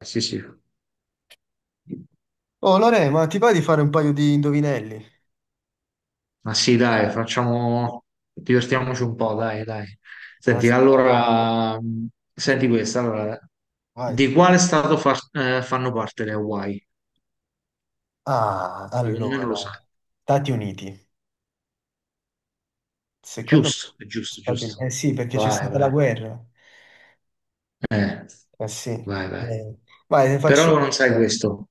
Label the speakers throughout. Speaker 1: Sì, sì,
Speaker 2: Oh Lore, ma ti va di fare un paio di indovinelli?
Speaker 1: ma sì, dai, facciamo, divertiamoci un po', dai, dai.
Speaker 2: Ma
Speaker 1: Senti,
Speaker 2: s-
Speaker 1: allora, senti questa, allora,
Speaker 2: Vai.
Speaker 1: di quale stato fanno parte le Hawaii?
Speaker 2: Ah,
Speaker 1: Secondo me non
Speaker 2: allora,
Speaker 1: lo sai.
Speaker 2: Stati Uniti. Secondo me,
Speaker 1: Giusto, è giusto,
Speaker 2: Stati Uniti.
Speaker 1: giusto.
Speaker 2: Eh sì, perché c'è
Speaker 1: Vai,
Speaker 2: stata la
Speaker 1: vai,
Speaker 2: guerra.
Speaker 1: eh,
Speaker 2: Eh sì.
Speaker 1: vai, vai.
Speaker 2: Vai, ne faccio
Speaker 1: Però non sai
Speaker 2: una io.
Speaker 1: questo.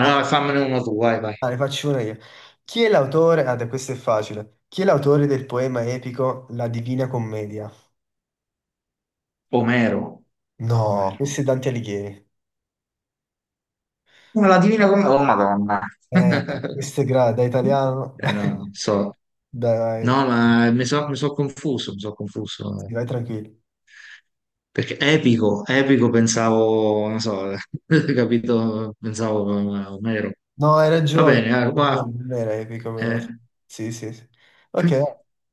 Speaker 2: Ah,
Speaker 1: no, fammene uno tu, vai, vai.
Speaker 2: ah, ne faccio una io. Chi è l'autore? Ah, dai, questo è facile. Chi è l'autore del poema epico La Divina Commedia?
Speaker 1: Omero.
Speaker 2: No,
Speaker 1: Omero.
Speaker 2: questo è Dante Alighieri.
Speaker 1: Ma La Divina Commedia, oh Madonna.
Speaker 2: Eh, questo è da italiano.
Speaker 1: No,
Speaker 2: Dai,
Speaker 1: non so.
Speaker 2: dai,
Speaker 1: No, ma mi sono confuso, mi sono confuso.
Speaker 2: sì, vai tranquillo.
Speaker 1: Perché epico, epico pensavo, non so, capito, pensavo mero.
Speaker 2: No,
Speaker 1: Va bene,
Speaker 2: hai
Speaker 1: ma,
Speaker 2: ragione, non era epico però.
Speaker 1: eh,
Speaker 2: Sì, sì, sì, sì. Ok, dai.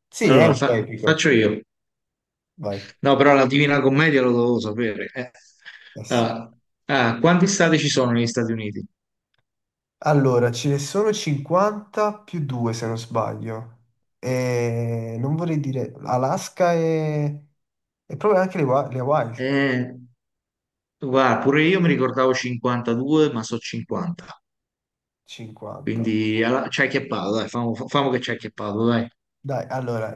Speaker 2: Sì, è
Speaker 1: allora
Speaker 2: un po' epico.
Speaker 1: faccio io.
Speaker 2: Vai.
Speaker 1: No, però la Divina Commedia lo dovevo sapere.
Speaker 2: Eh sì.
Speaker 1: Ah, ah, quanti stati ci sono negli Stati Uniti?
Speaker 2: Allora, ce ne sono 50 più 2 se non sbaglio. E non vorrei dire Alaska e proprio anche le Hawaii.
Speaker 1: Eh, Guarda, pure io mi ricordavo 52, ma so 50.
Speaker 2: 50.
Speaker 1: Quindi ci hai chiappato, dai, famo, famo che ci hai chiappato, dai.
Speaker 2: Dai, allora,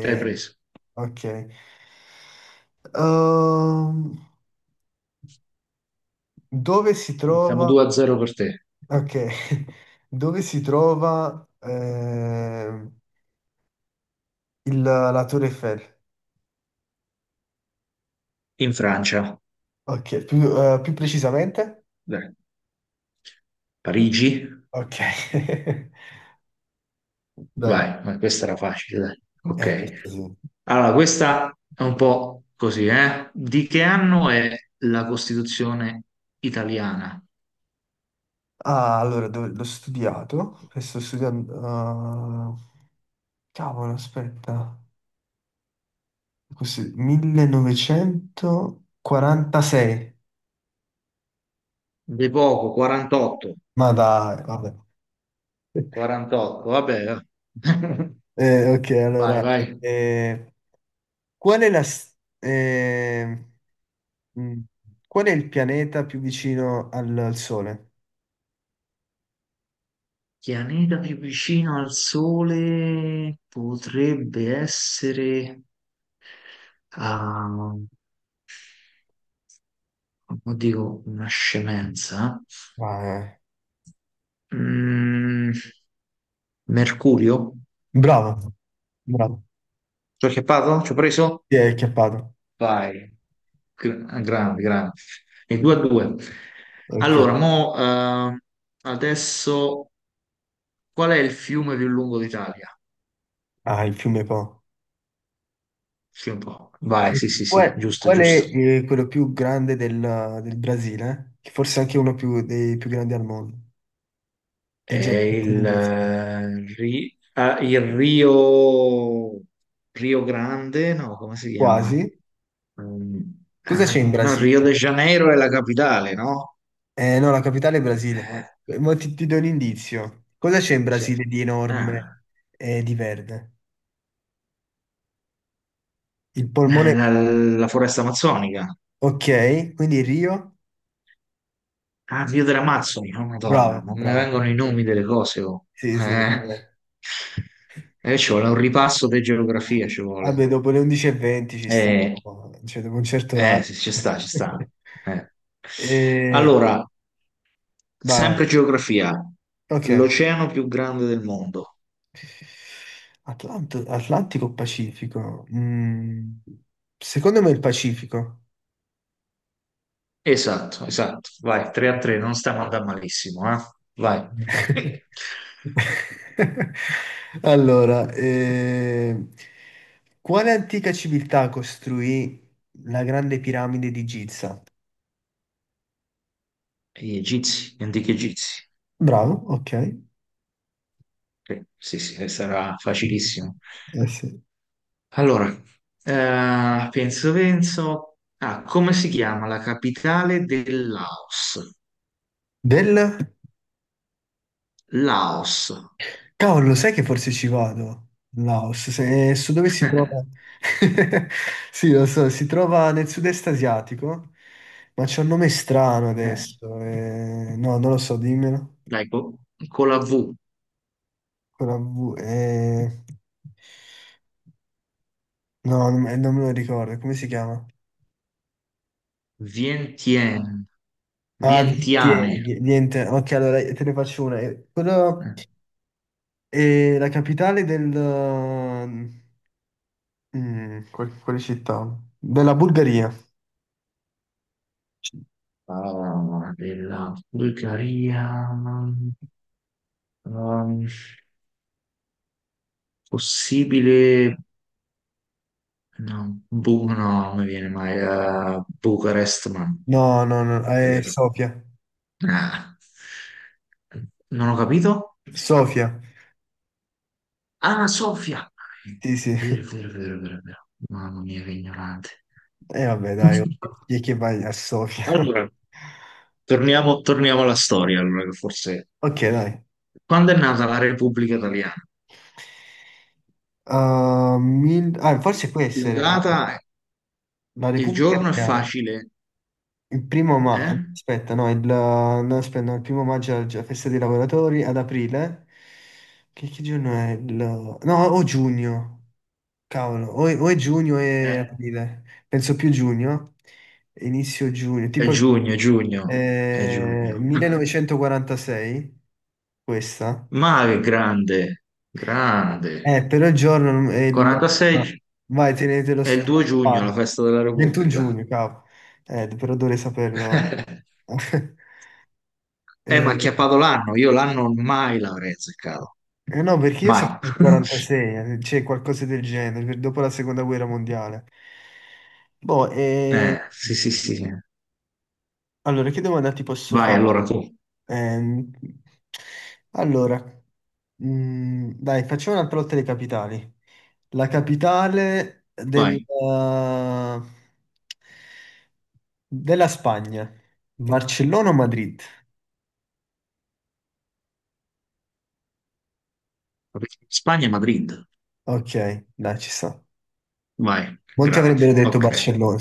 Speaker 1: Ci hai preso.
Speaker 2: ok. Ehm, dove si
Speaker 1: Quindi siamo
Speaker 2: trova?
Speaker 1: 2-0 per te.
Speaker 2: Ok, dove si trova la Torre Eiffel?
Speaker 1: In Francia,
Speaker 2: Ok, più precisamente?
Speaker 1: dai. Parigi,
Speaker 2: Ok, dai,
Speaker 1: vai, ma questa era facile, dai. Ok.
Speaker 2: questo sì.
Speaker 1: Allora, questa è un po' così, eh? Di che anno è la Costituzione italiana?
Speaker 2: Ah, allora, l'ho studiato, e sto studiando, cavolo, aspetta, così, 1946.
Speaker 1: De poco, 48.
Speaker 2: Ma dai, vabbè.
Speaker 1: 48, vabbè.
Speaker 2: Ok,
Speaker 1: Vai,
Speaker 2: allora,
Speaker 1: vai.
Speaker 2: eh, qual è la... s- Mm. Qual è il pianeta più vicino al Sole?
Speaker 1: Pianeta più vicino al Sole potrebbe essere, ah, dico una scemenza.
Speaker 2: Ah, eh.
Speaker 1: Mm, Mercurio?
Speaker 2: Bravo, bravo.
Speaker 1: Ci ho acchiappato? Ci ho preso?
Speaker 2: Ti è acchiappato.
Speaker 1: Vai, grande, grande. E 2-2.
Speaker 2: Ok.
Speaker 1: Allora, mo, adesso qual è il fiume più lungo d'Italia?
Speaker 2: Ah, il fiume Po.
Speaker 1: Sì, un po'. Vai,
Speaker 2: E
Speaker 1: sì, sì, sì,
Speaker 2: qual,
Speaker 1: giusto,
Speaker 2: qual
Speaker 1: giusto.
Speaker 2: è quello più grande del Brasile? Che forse è anche uno dei più grandi al mondo. È
Speaker 1: È
Speaker 2: già tanto indizi.
Speaker 1: il Rio, Rio Grande, no, come si chiama?
Speaker 2: Quasi.
Speaker 1: Mm,
Speaker 2: Cosa
Speaker 1: ah,
Speaker 2: c'è in
Speaker 1: no, Rio de
Speaker 2: Brasile?
Speaker 1: Janeiro è la capitale, no?
Speaker 2: No, la capitale è Brasile.
Speaker 1: Eh,
Speaker 2: Ma ti do un indizio. Cosa c'è in
Speaker 1: cioè,
Speaker 2: Brasile di
Speaker 1: ah,
Speaker 2: enorme e di verde? Il polmone.
Speaker 1: la foresta amazzonica.
Speaker 2: Ok, quindi Rio,
Speaker 1: Ah, Rio dell'Amazzoni, oh, Madonna,
Speaker 2: bravo,
Speaker 1: non mi
Speaker 2: bravo.
Speaker 1: vengono i nomi delle cose. Oh.
Speaker 2: Sì, sì,
Speaker 1: Eh,
Speaker 2: vabbè.
Speaker 1: Ci vuole un ripasso di geografia, ci vuole.
Speaker 2: Vabbè, dopo le 11:20 ci sta,
Speaker 1: Eh,
Speaker 2: dopo, cioè dopo un certo
Speaker 1: eh,
Speaker 2: orario.
Speaker 1: sì, ci sta, ci sta. Eh.
Speaker 2: E...
Speaker 1: Allora,
Speaker 2: Vai,
Speaker 1: sempre geografia.
Speaker 2: ok.
Speaker 1: L'oceano più grande del mondo.
Speaker 2: Atlantico o Pacifico? Secondo me il Pacifico.
Speaker 1: Esatto, esatto. Vai, 3-3, non stiamo andando malissimo, eh? Vai.
Speaker 2: Allora, quale antica civiltà costruì la grande piramide di Giza?
Speaker 1: Gli egizi, gli antichi egizi.
Speaker 2: Bravo, ok.
Speaker 1: Sì, sì, sarà facilissimo.
Speaker 2: Eh sì.
Speaker 1: Allora, penso, penso. Ah, come si chiama la capitale del Laos?
Speaker 2: Del...
Speaker 1: Laos.
Speaker 2: Cavolo, sai che forse ci vado? In Laos, se, su dove si trova? Sì, lo so, si trova nel sud-est asiatico, ma c'è un nome strano
Speaker 1: Eh,
Speaker 2: adesso. No, non lo so, dimmelo.
Speaker 1: Dai, con la V.
Speaker 2: Con la V, no, non me lo ricordo, come si chiama?
Speaker 1: Vientiane.
Speaker 2: Ah, Vientiane,
Speaker 1: Vientiane.
Speaker 2: niente. Ok, allora te ne faccio una. Quello
Speaker 1: Eh.
Speaker 2: è la capitale del... quale città? Della Bulgaria.
Speaker 1: Ah, della Bulgaria. Ehm, possibile. No, no, non mi viene mai. Bucarest, ma non
Speaker 2: No, no, no,
Speaker 1: è
Speaker 2: è
Speaker 1: vero.
Speaker 2: Sofia.
Speaker 1: Ah, non ho capito.
Speaker 2: Sofia.
Speaker 1: Ah, Sofia.
Speaker 2: Sì, sì.
Speaker 1: Vero, vero, vero, vero, vero. Mamma mia, che ignorante.
Speaker 2: E vabbè, dai, ok. Chi è che vai a Sofia?
Speaker 1: Allora, torniamo, torniamo alla storia, allora, che forse...
Speaker 2: Ok, dai.
Speaker 1: Quando è nata la Repubblica Italiana?
Speaker 2: Forse può
Speaker 1: La
Speaker 2: essere
Speaker 1: data,
Speaker 2: la
Speaker 1: il
Speaker 2: Repubblica
Speaker 1: giorno è
Speaker 2: Italiana.
Speaker 1: facile,
Speaker 2: Il primo
Speaker 1: eh?
Speaker 2: maggio, aspetta, no, aspetta, no, il primo maggio è la festa dei lavoratori, ad aprile. Che giorno è? Il... No, o giugno. Cavolo, o è giugno e
Speaker 1: Eh,
Speaker 2: aprile, penso più giugno, inizio giugno,
Speaker 1: è
Speaker 2: tipo
Speaker 1: giugno, è giugno, è giugno.
Speaker 2: 1946, questa.
Speaker 1: Ma che grande, grande.
Speaker 2: Però il giorno è il...
Speaker 1: 46
Speaker 2: no,
Speaker 1: gi-
Speaker 2: Vai, tenetelo
Speaker 1: è il 2 giugno, la
Speaker 2: sparo.
Speaker 1: festa della
Speaker 2: 21
Speaker 1: Repubblica.
Speaker 2: giugno, cavolo. Però dovrei saperlo.
Speaker 1: Ma ha
Speaker 2: Eh,
Speaker 1: acchiappato l'anno, io l'anno mai l'avrei azzeccato,
Speaker 2: eh no, perché io
Speaker 1: mai.
Speaker 2: sapevo il 46, c'è qualcosa del genere, dopo la seconda guerra mondiale. Boh,
Speaker 1: Sì, sì, sì.
Speaker 2: allora, che domanda ti posso
Speaker 1: Vai,
Speaker 2: fare?
Speaker 1: allora tu,
Speaker 2: Ehm, allora, dai, facciamo un'altra lotta dei capitali. La capitale
Speaker 1: vai.
Speaker 2: della Spagna, Barcellona o Madrid?
Speaker 1: Spagna e Madrid,
Speaker 2: Ok, dai, ci sta.
Speaker 1: vai,
Speaker 2: Molti
Speaker 1: grande,
Speaker 2: avrebbero detto
Speaker 1: ok.
Speaker 2: Barcellona.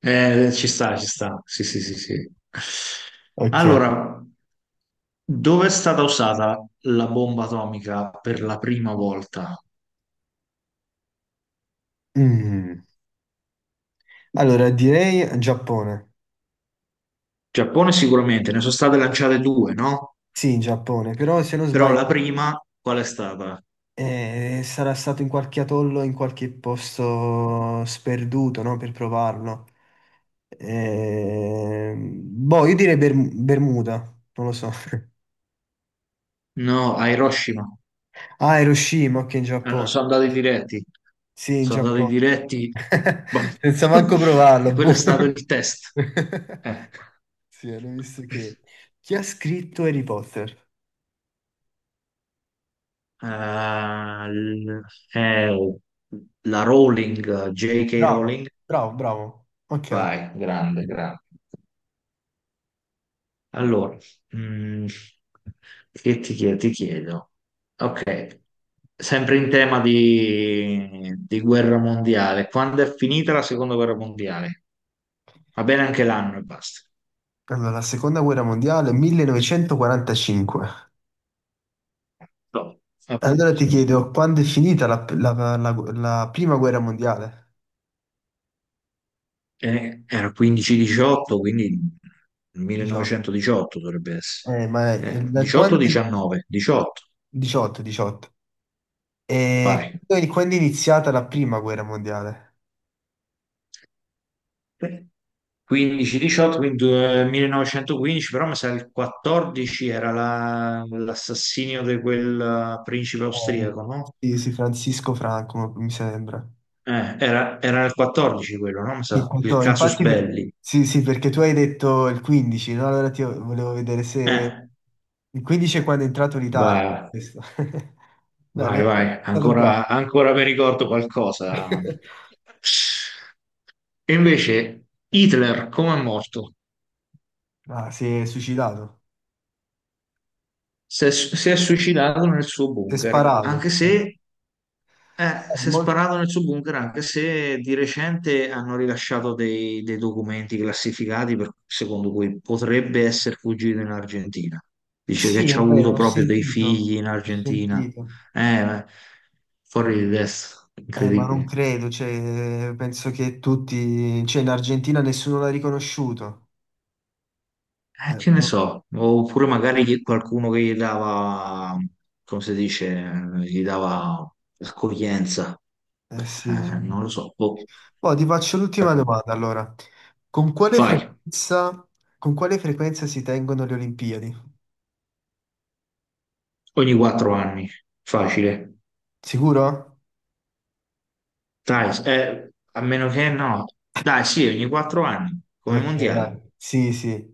Speaker 1: Ci sta, ci sta. Sì, sì, sì, sì.
Speaker 2: Ok.
Speaker 1: Allora, dove è stata usata la bomba atomica per la prima volta?
Speaker 2: Mm. Allora, direi Giappone.
Speaker 1: Giappone sicuramente, ne sono state lanciate due, no?
Speaker 2: Sì, Giappone, però se non
Speaker 1: Però
Speaker 2: sbaglio
Speaker 1: la prima, qual è stata?
Speaker 2: sarà stato in qualche atollo, in qualche posto sperduto, no? Per provarlo. Ehm, boh, io direi Bermuda, non lo so.
Speaker 1: No, a Hiroshima.
Speaker 2: Ah, Hiroshima, ok, in Giappone.
Speaker 1: Sono andati diretti.
Speaker 2: Sì, in
Speaker 1: Sono andati
Speaker 2: Giappone.
Speaker 1: diretti. Boh.
Speaker 2: Senza manco
Speaker 1: E
Speaker 2: provarlo. Boh.
Speaker 1: quello è stato il test. Eh.
Speaker 2: Sì, hanno visto che... Chi ha scritto Harry Potter?
Speaker 1: Eh, l- oh, la Rowling, J.K.
Speaker 2: Bravo,
Speaker 1: Rowling.
Speaker 2: bravo, bravo. Ok.
Speaker 1: Vai, grande, grande. Allora, mm, che ti chiedo? Ti chiedo. Ok, sempre in tema di guerra mondiale. Quando è finita la seconda guerra mondiale? Va bene anche l'anno e basta.
Speaker 2: Allora, la seconda guerra mondiale, 1945.
Speaker 1: No. Ok.
Speaker 2: Allora ti chiedo, quando è finita la prima guerra mondiale?
Speaker 1: Era 15-18, quindi
Speaker 2: 18.
Speaker 1: 1918 dovrebbe essere.
Speaker 2: Ma da quando...
Speaker 1: 18-19, 18,
Speaker 2: 18, 18. E
Speaker 1: fai.
Speaker 2: quindi quando è iniziata la prima guerra mondiale?
Speaker 1: 15-18, quindi 1915, però mi sa il 14 era l'assassinio di quel principe
Speaker 2: Eh,
Speaker 1: austriaco, no?
Speaker 2: sì, sì, Francisco Franco, mi sembra.
Speaker 1: Era il 14 quello, no? Mi
Speaker 2: Sì,
Speaker 1: sa, il
Speaker 2: appunto,
Speaker 1: casus
Speaker 2: infatti,
Speaker 1: belli.
Speaker 2: sì, sì, perché tu hai detto il 15, no? Allora ti volevo vedere se...
Speaker 1: Eh,
Speaker 2: Il 15 è quando è entrato l'Italia.
Speaker 1: vai.
Speaker 2: Questo. Bene,
Speaker 1: Vai,
Speaker 2: è
Speaker 1: vai,
Speaker 2: stato
Speaker 1: ancora,
Speaker 2: bravo.
Speaker 1: ancora mi ricordo qualcosa. E invece Hitler, come è morto?
Speaker 2: Ah, si è suicidato.
Speaker 1: Si è suicidato nel suo
Speaker 2: Si è
Speaker 1: bunker, anche
Speaker 2: sparato.
Speaker 1: se si è
Speaker 2: Mol-
Speaker 1: sparato nel suo bunker, anche se di recente hanno rilasciato dei documenti classificati secondo cui potrebbe essere fuggito in Argentina. Dice che
Speaker 2: Sì,
Speaker 1: ci
Speaker 2: è
Speaker 1: ha avuto
Speaker 2: vero, ho
Speaker 1: proprio dei
Speaker 2: sentito.
Speaker 1: figli in
Speaker 2: Ho
Speaker 1: Argentina.
Speaker 2: sentito.
Speaker 1: Eh, eh, fuori di testa,
Speaker 2: Ma non
Speaker 1: incredibile.
Speaker 2: credo, cioè, penso che tutti, cioè in Argentina nessuno l'ha riconosciuto.
Speaker 1: Che ne
Speaker 2: No.
Speaker 1: so, oppure magari qualcuno che gli dava, come si dice, gli dava accoglienza.
Speaker 2: Sì, sì.
Speaker 1: Non lo so, boh,
Speaker 2: Boh, ti faccio l'ultima
Speaker 1: strano.
Speaker 2: domanda allora. Con quale
Speaker 1: Fai,
Speaker 2: frequenza, con quale frequenza, si tengono le Olimpiadi?
Speaker 1: ogni 4 anni, facile,
Speaker 2: Sicuro?
Speaker 1: dai, a meno che no, dai, sì, ogni 4 anni, come
Speaker 2: Ok, dai.
Speaker 1: mondiale.
Speaker 2: Sì, sì.